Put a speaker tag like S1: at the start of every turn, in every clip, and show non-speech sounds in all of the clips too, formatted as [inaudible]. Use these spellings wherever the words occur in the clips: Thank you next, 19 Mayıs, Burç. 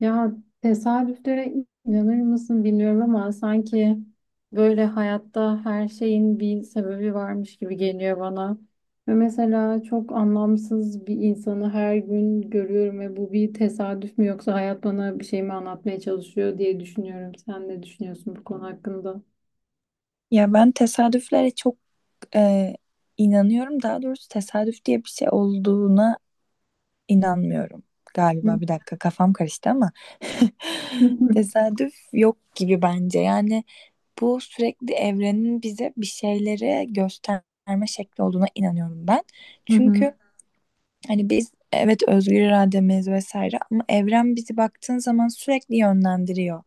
S1: Ya tesadüflere inanır mısın bilmiyorum ama sanki böyle hayatta her şeyin bir sebebi varmış gibi geliyor bana. Ve mesela çok anlamsız bir insanı her gün görüyorum ve bu bir tesadüf mü yoksa hayat bana bir şey mi anlatmaya çalışıyor diye düşünüyorum. Sen ne düşünüyorsun bu konu hakkında?
S2: Ya ben tesadüflere çok e, inanıyorum. Daha doğrusu tesadüf diye bir şey olduğuna inanmıyorum
S1: Hı
S2: galiba. Bir dakika kafam karıştı ama
S1: hı
S2: [laughs] tesadüf yok gibi bence. Bu sürekli evrenin bize bir şeyleri gösterme şekli olduğuna inanıyorum ben.
S1: hı hı.
S2: Çünkü hani biz, evet, özgür irademiz vesaire, ama evren bizi baktığın zaman sürekli yönlendiriyor.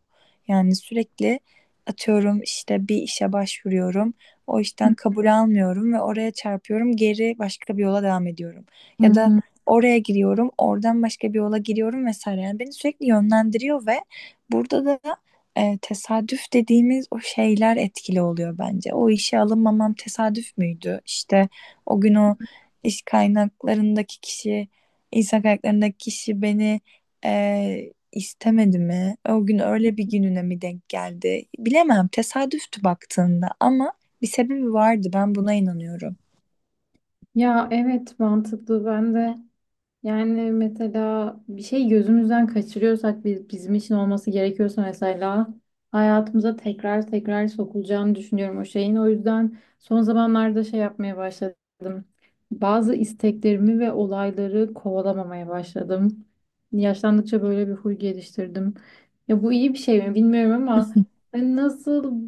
S2: Yani sürekli atıyorum, işte bir işe başvuruyorum. O işten kabul almıyorum ve oraya çarpıyorum. Geri başka bir yola devam ediyorum.
S1: Hı
S2: Ya da
S1: hı.
S2: oraya giriyorum, oradan başka bir yola giriyorum vesaire. Yani beni sürekli yönlendiriyor ve burada da tesadüf dediğimiz o şeyler etkili oluyor bence. O işe alınmamam tesadüf müydü? İşte o gün o iş kaynaklarındaki kişi, insan kaynaklarındaki kişi beni istemedi mi? O gün öyle bir gününe mi denk geldi? Bilemem. Tesadüftü baktığında ama bir sebebi vardı. Ben buna inanıyorum.
S1: Ya, evet, mantıklı. Ben de. Yani mesela bir şey gözümüzden kaçırıyorsak biz, bizim için olması gerekiyorsa, mesela hayatımıza tekrar tekrar sokulacağını düşünüyorum o şeyin. O yüzden son zamanlarda şey yapmaya başladım. Bazı isteklerimi ve olayları kovalamamaya başladım. Yaşlandıkça böyle bir huy geliştirdim. Ya bu iyi bir şey mi bilmiyorum ama hani nasıl,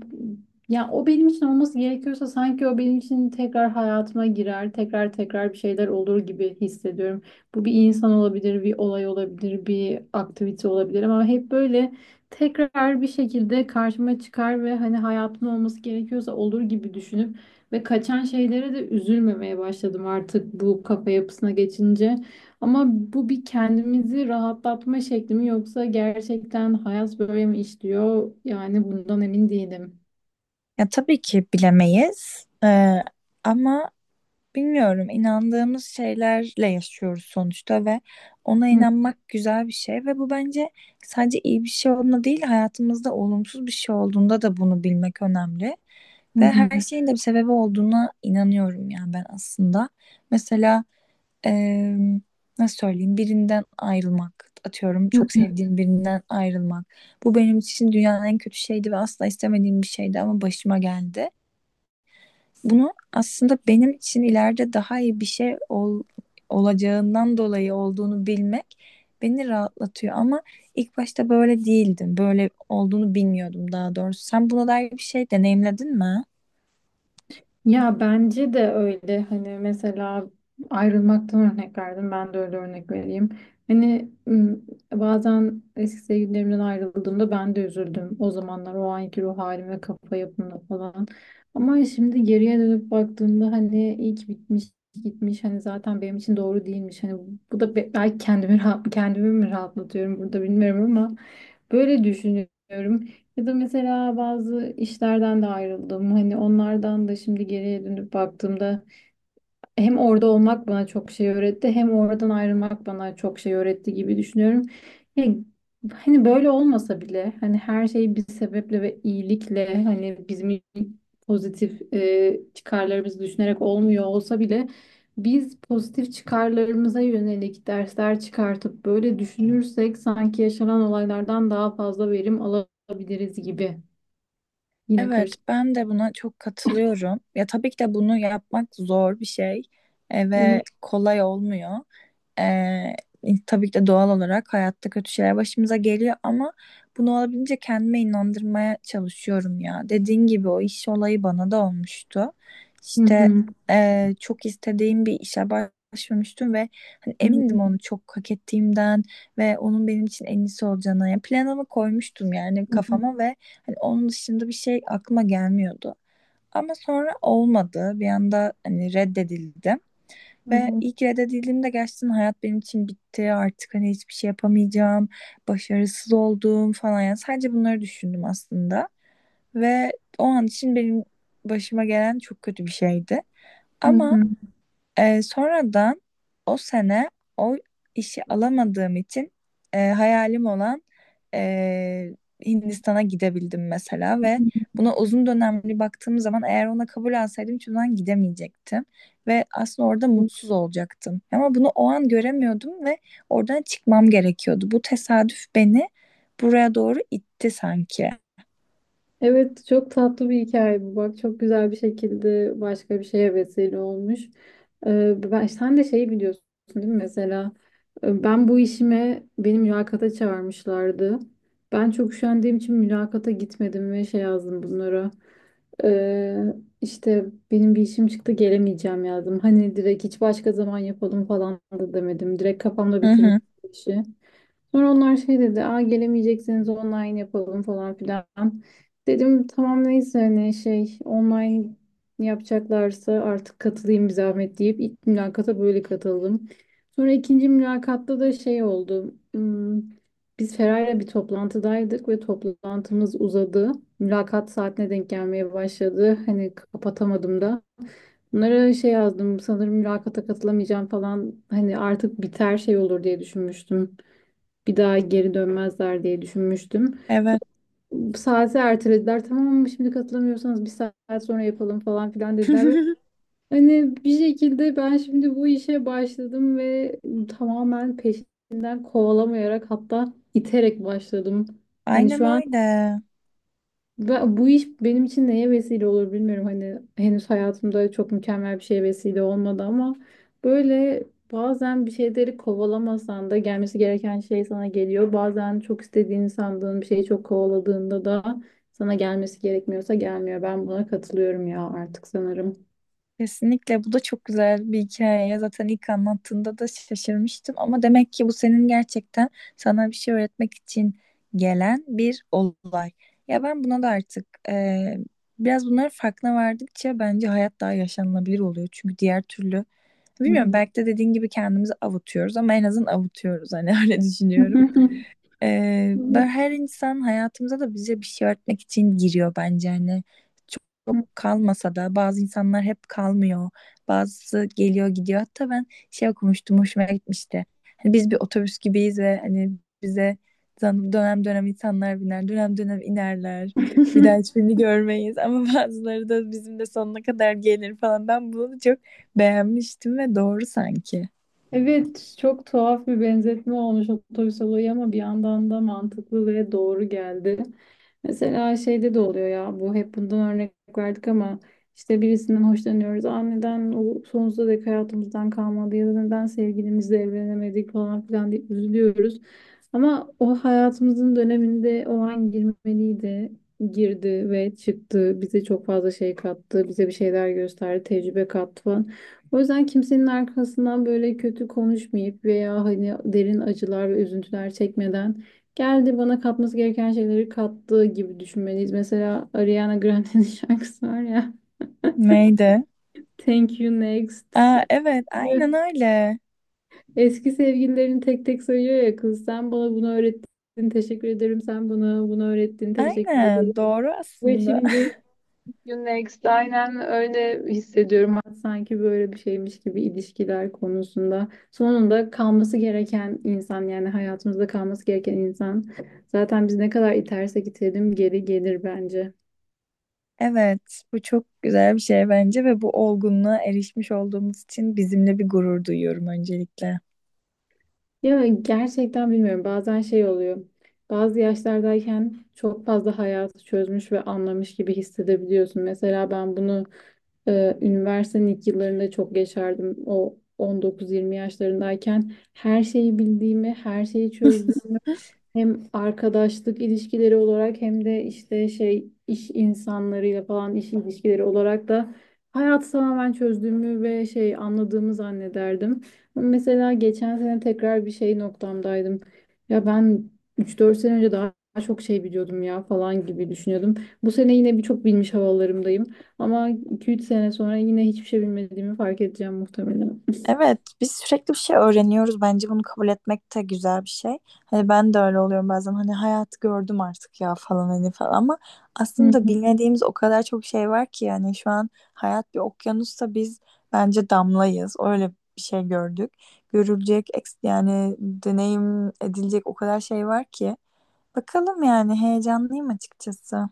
S1: ya o benim için olması gerekiyorsa sanki o benim için tekrar hayatıma girer, tekrar tekrar bir şeyler olur gibi hissediyorum. Bu bir insan olabilir, bir olay olabilir, bir aktivite olabilir ama hep böyle tekrar bir şekilde karşıma çıkar ve hani hayatın olması gerekiyorsa olur gibi düşünüp ve kaçan şeylere de üzülmemeye başladım artık bu kafa yapısına geçince. Ama bu bir kendimizi rahatlatma şekli mi yoksa gerçekten hayat böyle mi işliyor? Yani bundan emin değilim.
S2: Ya tabii ki bilemeyiz. Ama bilmiyorum, inandığımız şeylerle yaşıyoruz sonuçta ve ona
S1: Hı
S2: inanmak güzel bir şey, ve bu bence sadece iyi bir şey olduğunda değil, hayatımızda olumsuz bir şey olduğunda da bunu bilmek önemli. Ve
S1: hı.
S2: her şeyin de bir sebebi olduğuna inanıyorum yani ben aslında. Mesela eee, nasıl söyleyeyim, birinden ayrılmak, atıyorum çok
S1: Hı.
S2: sevdiğim birinden ayrılmak. Bu benim için dünyanın en kötü şeydi ve asla istemediğim bir şeydi ama başıma geldi. Bunu aslında benim için ileride daha iyi bir şey olacağından dolayı olduğunu bilmek beni rahatlatıyor. Ama ilk başta böyle değildim. Böyle olduğunu bilmiyordum daha doğrusu. Sen buna dair bir şey deneyimledin mi?
S1: Ya bence de öyle, hani mesela ayrılmaktan örnek verdim, ben de öyle örnek vereyim. Hani bazen eski sevgililerimden ayrıldığımda ben de üzüldüm o zamanlar o anki ruh halim ve kafa yapımla falan. Ama şimdi geriye dönüp baktığımda hani iyi ki bitmiş gitmiş, hani zaten benim için doğru değilmiş. Hani bu da belki kendimi mi rahatlatıyorum burada bilmiyorum ama böyle düşünüyorum. Ya da mesela bazı işlerden de ayrıldım. Hani onlardan da şimdi geriye dönüp baktığımda hem orada olmak bana çok şey öğretti hem oradan ayrılmak bana çok şey öğretti gibi düşünüyorum. Ya, hani böyle olmasa bile hani her şey bir sebeple ve iyilikle hani bizim pozitif çıkarlarımızı düşünerek olmuyor olsa bile biz pozitif çıkarlarımıza yönelik dersler çıkartıp böyle düşünürsek sanki yaşanan olaylardan daha fazla verim alabiliriz gibi. Yine
S2: Evet,
S1: karışık.
S2: ben de buna çok katılıyorum. Ya tabii ki de bunu yapmak zor bir şey, ve
S1: Evet.
S2: kolay olmuyor. Tabii ki de doğal olarak hayatta kötü şeyler başımıza geliyor, ama bunu olabildiğince kendime inandırmaya çalışıyorum ya. Dediğin gibi o iş olayı bana da olmuştu.
S1: Hı
S2: İşte
S1: hı.
S2: çok istediğim bir işe başvurmuştum ve hani
S1: Hı hı.
S2: emindim onu çok hak ettiğimden ve onun benim için en iyisi olacağına. Yani planımı koymuştum yani
S1: Hı hı.
S2: kafama, ve hani onun dışında bir şey aklıma gelmiyordu. Ama sonra olmadı. Bir anda hani reddedildim. Ve
S1: Hı
S2: ilk reddedildiğimde gerçekten hayat benim için bitti. Artık hani hiçbir şey yapamayacağım. Başarısız oldum falan. Yani sadece bunları düşündüm aslında. Ve o an için benim başıma gelen çok kötü bir şeydi. Ama
S1: hı.
S2: sonradan o sene o işi alamadığım için hayalim olan, e, Hindistan'a gidebildim mesela, ve
S1: Hı
S2: buna uzun dönemli baktığım zaman eğer ona kabul alsaydım hiçbir zaman gidemeyecektim ve aslında orada
S1: hı.
S2: mutsuz olacaktım. Ama bunu o an göremiyordum ve oradan çıkmam gerekiyordu. Bu tesadüf beni buraya doğru itti sanki.
S1: Evet, çok tatlı bir hikaye bu. Bak, çok güzel bir şekilde başka bir şeye vesile olmuş. Sen de şeyi biliyorsun değil mi? Mesela ben bu işime beni mülakata çağırmışlardı. Ben çok üşendiğim için mülakata gitmedim ve şey yazdım bunlara. Ee, işte benim bir işim çıktı, gelemeyeceğim yazdım. Hani direkt hiç başka zaman yapalım falan da demedim. Direkt kafamda
S2: Hı hı,
S1: bitirmiştim işi. Sonra onlar şey dedi, aa, gelemeyecekseniz online yapalım falan filan. Dedim tamam neyse hani şey, online yapacaklarsa artık katılayım bir zahmet deyip ilk mülakata böyle katıldım. Sonra ikinci mülakatta da şey oldu. Biz Feray'la bir toplantıdaydık ve toplantımız uzadı. Mülakat saatine denk gelmeye başladı. Hani kapatamadım da. Bunlara şey yazdım sanırım, mülakata katılamayacağım falan, hani artık biter şey olur diye düşünmüştüm, bir daha geri dönmezler diye düşünmüştüm.
S2: evet.
S1: Saati ertelediler. Tamam ama şimdi katılamıyorsanız bir saat sonra yapalım falan filan dediler. Ve
S2: [laughs]
S1: hani bir şekilde ben şimdi bu işe başladım ve tamamen peşinden kovalamayarak, hatta iterek başladım. Hani
S2: Aynen
S1: şu an
S2: öyle.
S1: bu iş benim için neye vesile olur bilmiyorum. Hani henüz hayatımda çok mükemmel bir şeye vesile olmadı ama böyle bazen bir şeyleri kovalamasan da gelmesi gereken şey sana geliyor. Bazen çok istediğini sandığın bir şeyi çok kovaladığında da sana gelmesi gerekmiyorsa gelmiyor. Ben buna katılıyorum ya artık sanırım.
S2: Kesinlikle bu da çok güzel bir hikaye. Zaten ilk anlattığında da şaşırmıştım, ama demek ki bu senin gerçekten sana bir şey öğretmek için gelen bir olay. Ya ben buna da artık biraz bunların farkına vardıkça bence hayat daha yaşanılabilir oluyor. Çünkü diğer türlü bilmiyorum,
S1: Hı
S2: belki de dediğin gibi kendimizi avutuyoruz ama en azından avutuyoruz hani. [laughs] Öyle düşünüyorum. Ben
S1: hı.
S2: her insan hayatımıza da bize bir şey öğretmek için giriyor bence, hani çok, çok kalmasa da. Bazı insanlar hep kalmıyor, bazısı geliyor gidiyor. Hatta ben şey okumuştum, hoşuma gitmişti: hani biz bir otobüs gibiyiz ve hani bize dönem dönem insanlar biner, dönem dönem inerler, bir daha
S1: [laughs]
S2: hiçbirini görmeyiz, ama [laughs] bazıları da bizim de sonuna kadar gelir falan. Ben bunu çok beğenmiştim ve doğru sanki.
S1: Evet, çok tuhaf bir benzetme olmuş otobüs olayı, ama bir yandan da mantıklı ve doğru geldi. Mesela şeyde de oluyor ya, bu hep bundan örnek verdik ama işte birisinden hoşlanıyoruz. Aa, neden o sonsuza dek hayatımızdan kalmadı ya da neden sevgilimizle evlenemedik falan filan deyip üzülüyoruz. Ama o hayatımızın döneminde o an girmeliydi. Girdi ve çıktı. Bize çok fazla şey kattı. Bize bir şeyler gösterdi. Tecrübe kattı falan. O yüzden kimsenin arkasından böyle kötü konuşmayıp veya hani derin acılar ve üzüntüler çekmeden, geldi bana katması gereken şeyleri kattı gibi düşünmeliyiz. Mesela Ariana Grande'nin [laughs] şarkısı var ya.
S2: Neydi?
S1: Thank you next.
S2: Aa, evet aynen
S1: [laughs]
S2: öyle.
S1: Eski sevgililerini tek tek sayıyor ya kız. Sen bana bunu öğrettin, teşekkür ederim. Sen bana bunu öğrettin, teşekkür ederim.
S2: Aynen doğru
S1: Ve
S2: aslında. [laughs]
S1: şimdi you next. Aynen öyle hissediyorum. Sanki böyle bir şeymiş gibi ilişkiler konusunda. Sonunda kalması gereken insan, yani hayatımızda kalması gereken insan. Zaten biz ne kadar itersek itelim geri gelir bence.
S2: Evet, bu çok güzel bir şey bence, ve bu olgunluğa erişmiş olduğumuz için bizimle bir gurur duyuyorum öncelikle.
S1: Ya gerçekten bilmiyorum. Bazen şey oluyor. Bazı yaşlardayken çok fazla hayatı çözmüş ve anlamış gibi hissedebiliyorsun. Mesela ben bunu üniversitenin ilk yıllarında çok yaşardım. O 19-20 yaşlarındayken her şeyi bildiğimi, her şeyi çözdüğümü, hem arkadaşlık ilişkileri olarak hem de işte şey, iş insanlarıyla falan iş ilişkileri olarak da hayatı tamamen çözdüğümü ve şey anladığımı zannederdim. Ama mesela geçen sene tekrar bir şey noktamdaydım. Ya ben üç dört sene önce daha çok şey biliyordum ya falan gibi düşünüyordum. Bu sene yine birçok bilmiş havalarımdayım. Ama iki üç sene sonra yine hiçbir şey bilmediğimi fark edeceğim muhtemelen.
S2: Evet, biz sürekli bir şey öğreniyoruz bence, bunu kabul etmek de güzel bir şey. Hani ben de öyle oluyorum bazen, hani hayatı gördüm artık ya falan, hani falan, ama aslında
S1: [laughs]
S2: bilmediğimiz o kadar çok şey var ki. Yani şu an hayat bir okyanusta biz bence damlayız, öyle bir şey gördük. Görülecek yani deneyim edilecek o kadar şey var ki. Bakalım, yani heyecanlıyım açıkçası.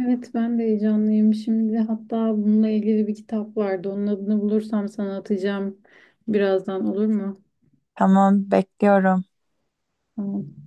S1: Evet, ben de heyecanlıyım. Şimdi hatta bununla ilgili bir kitap vardı. Onun adını bulursam sana atacağım birazdan, olur mu?
S2: Tamam, bekliyorum.
S1: Tamam.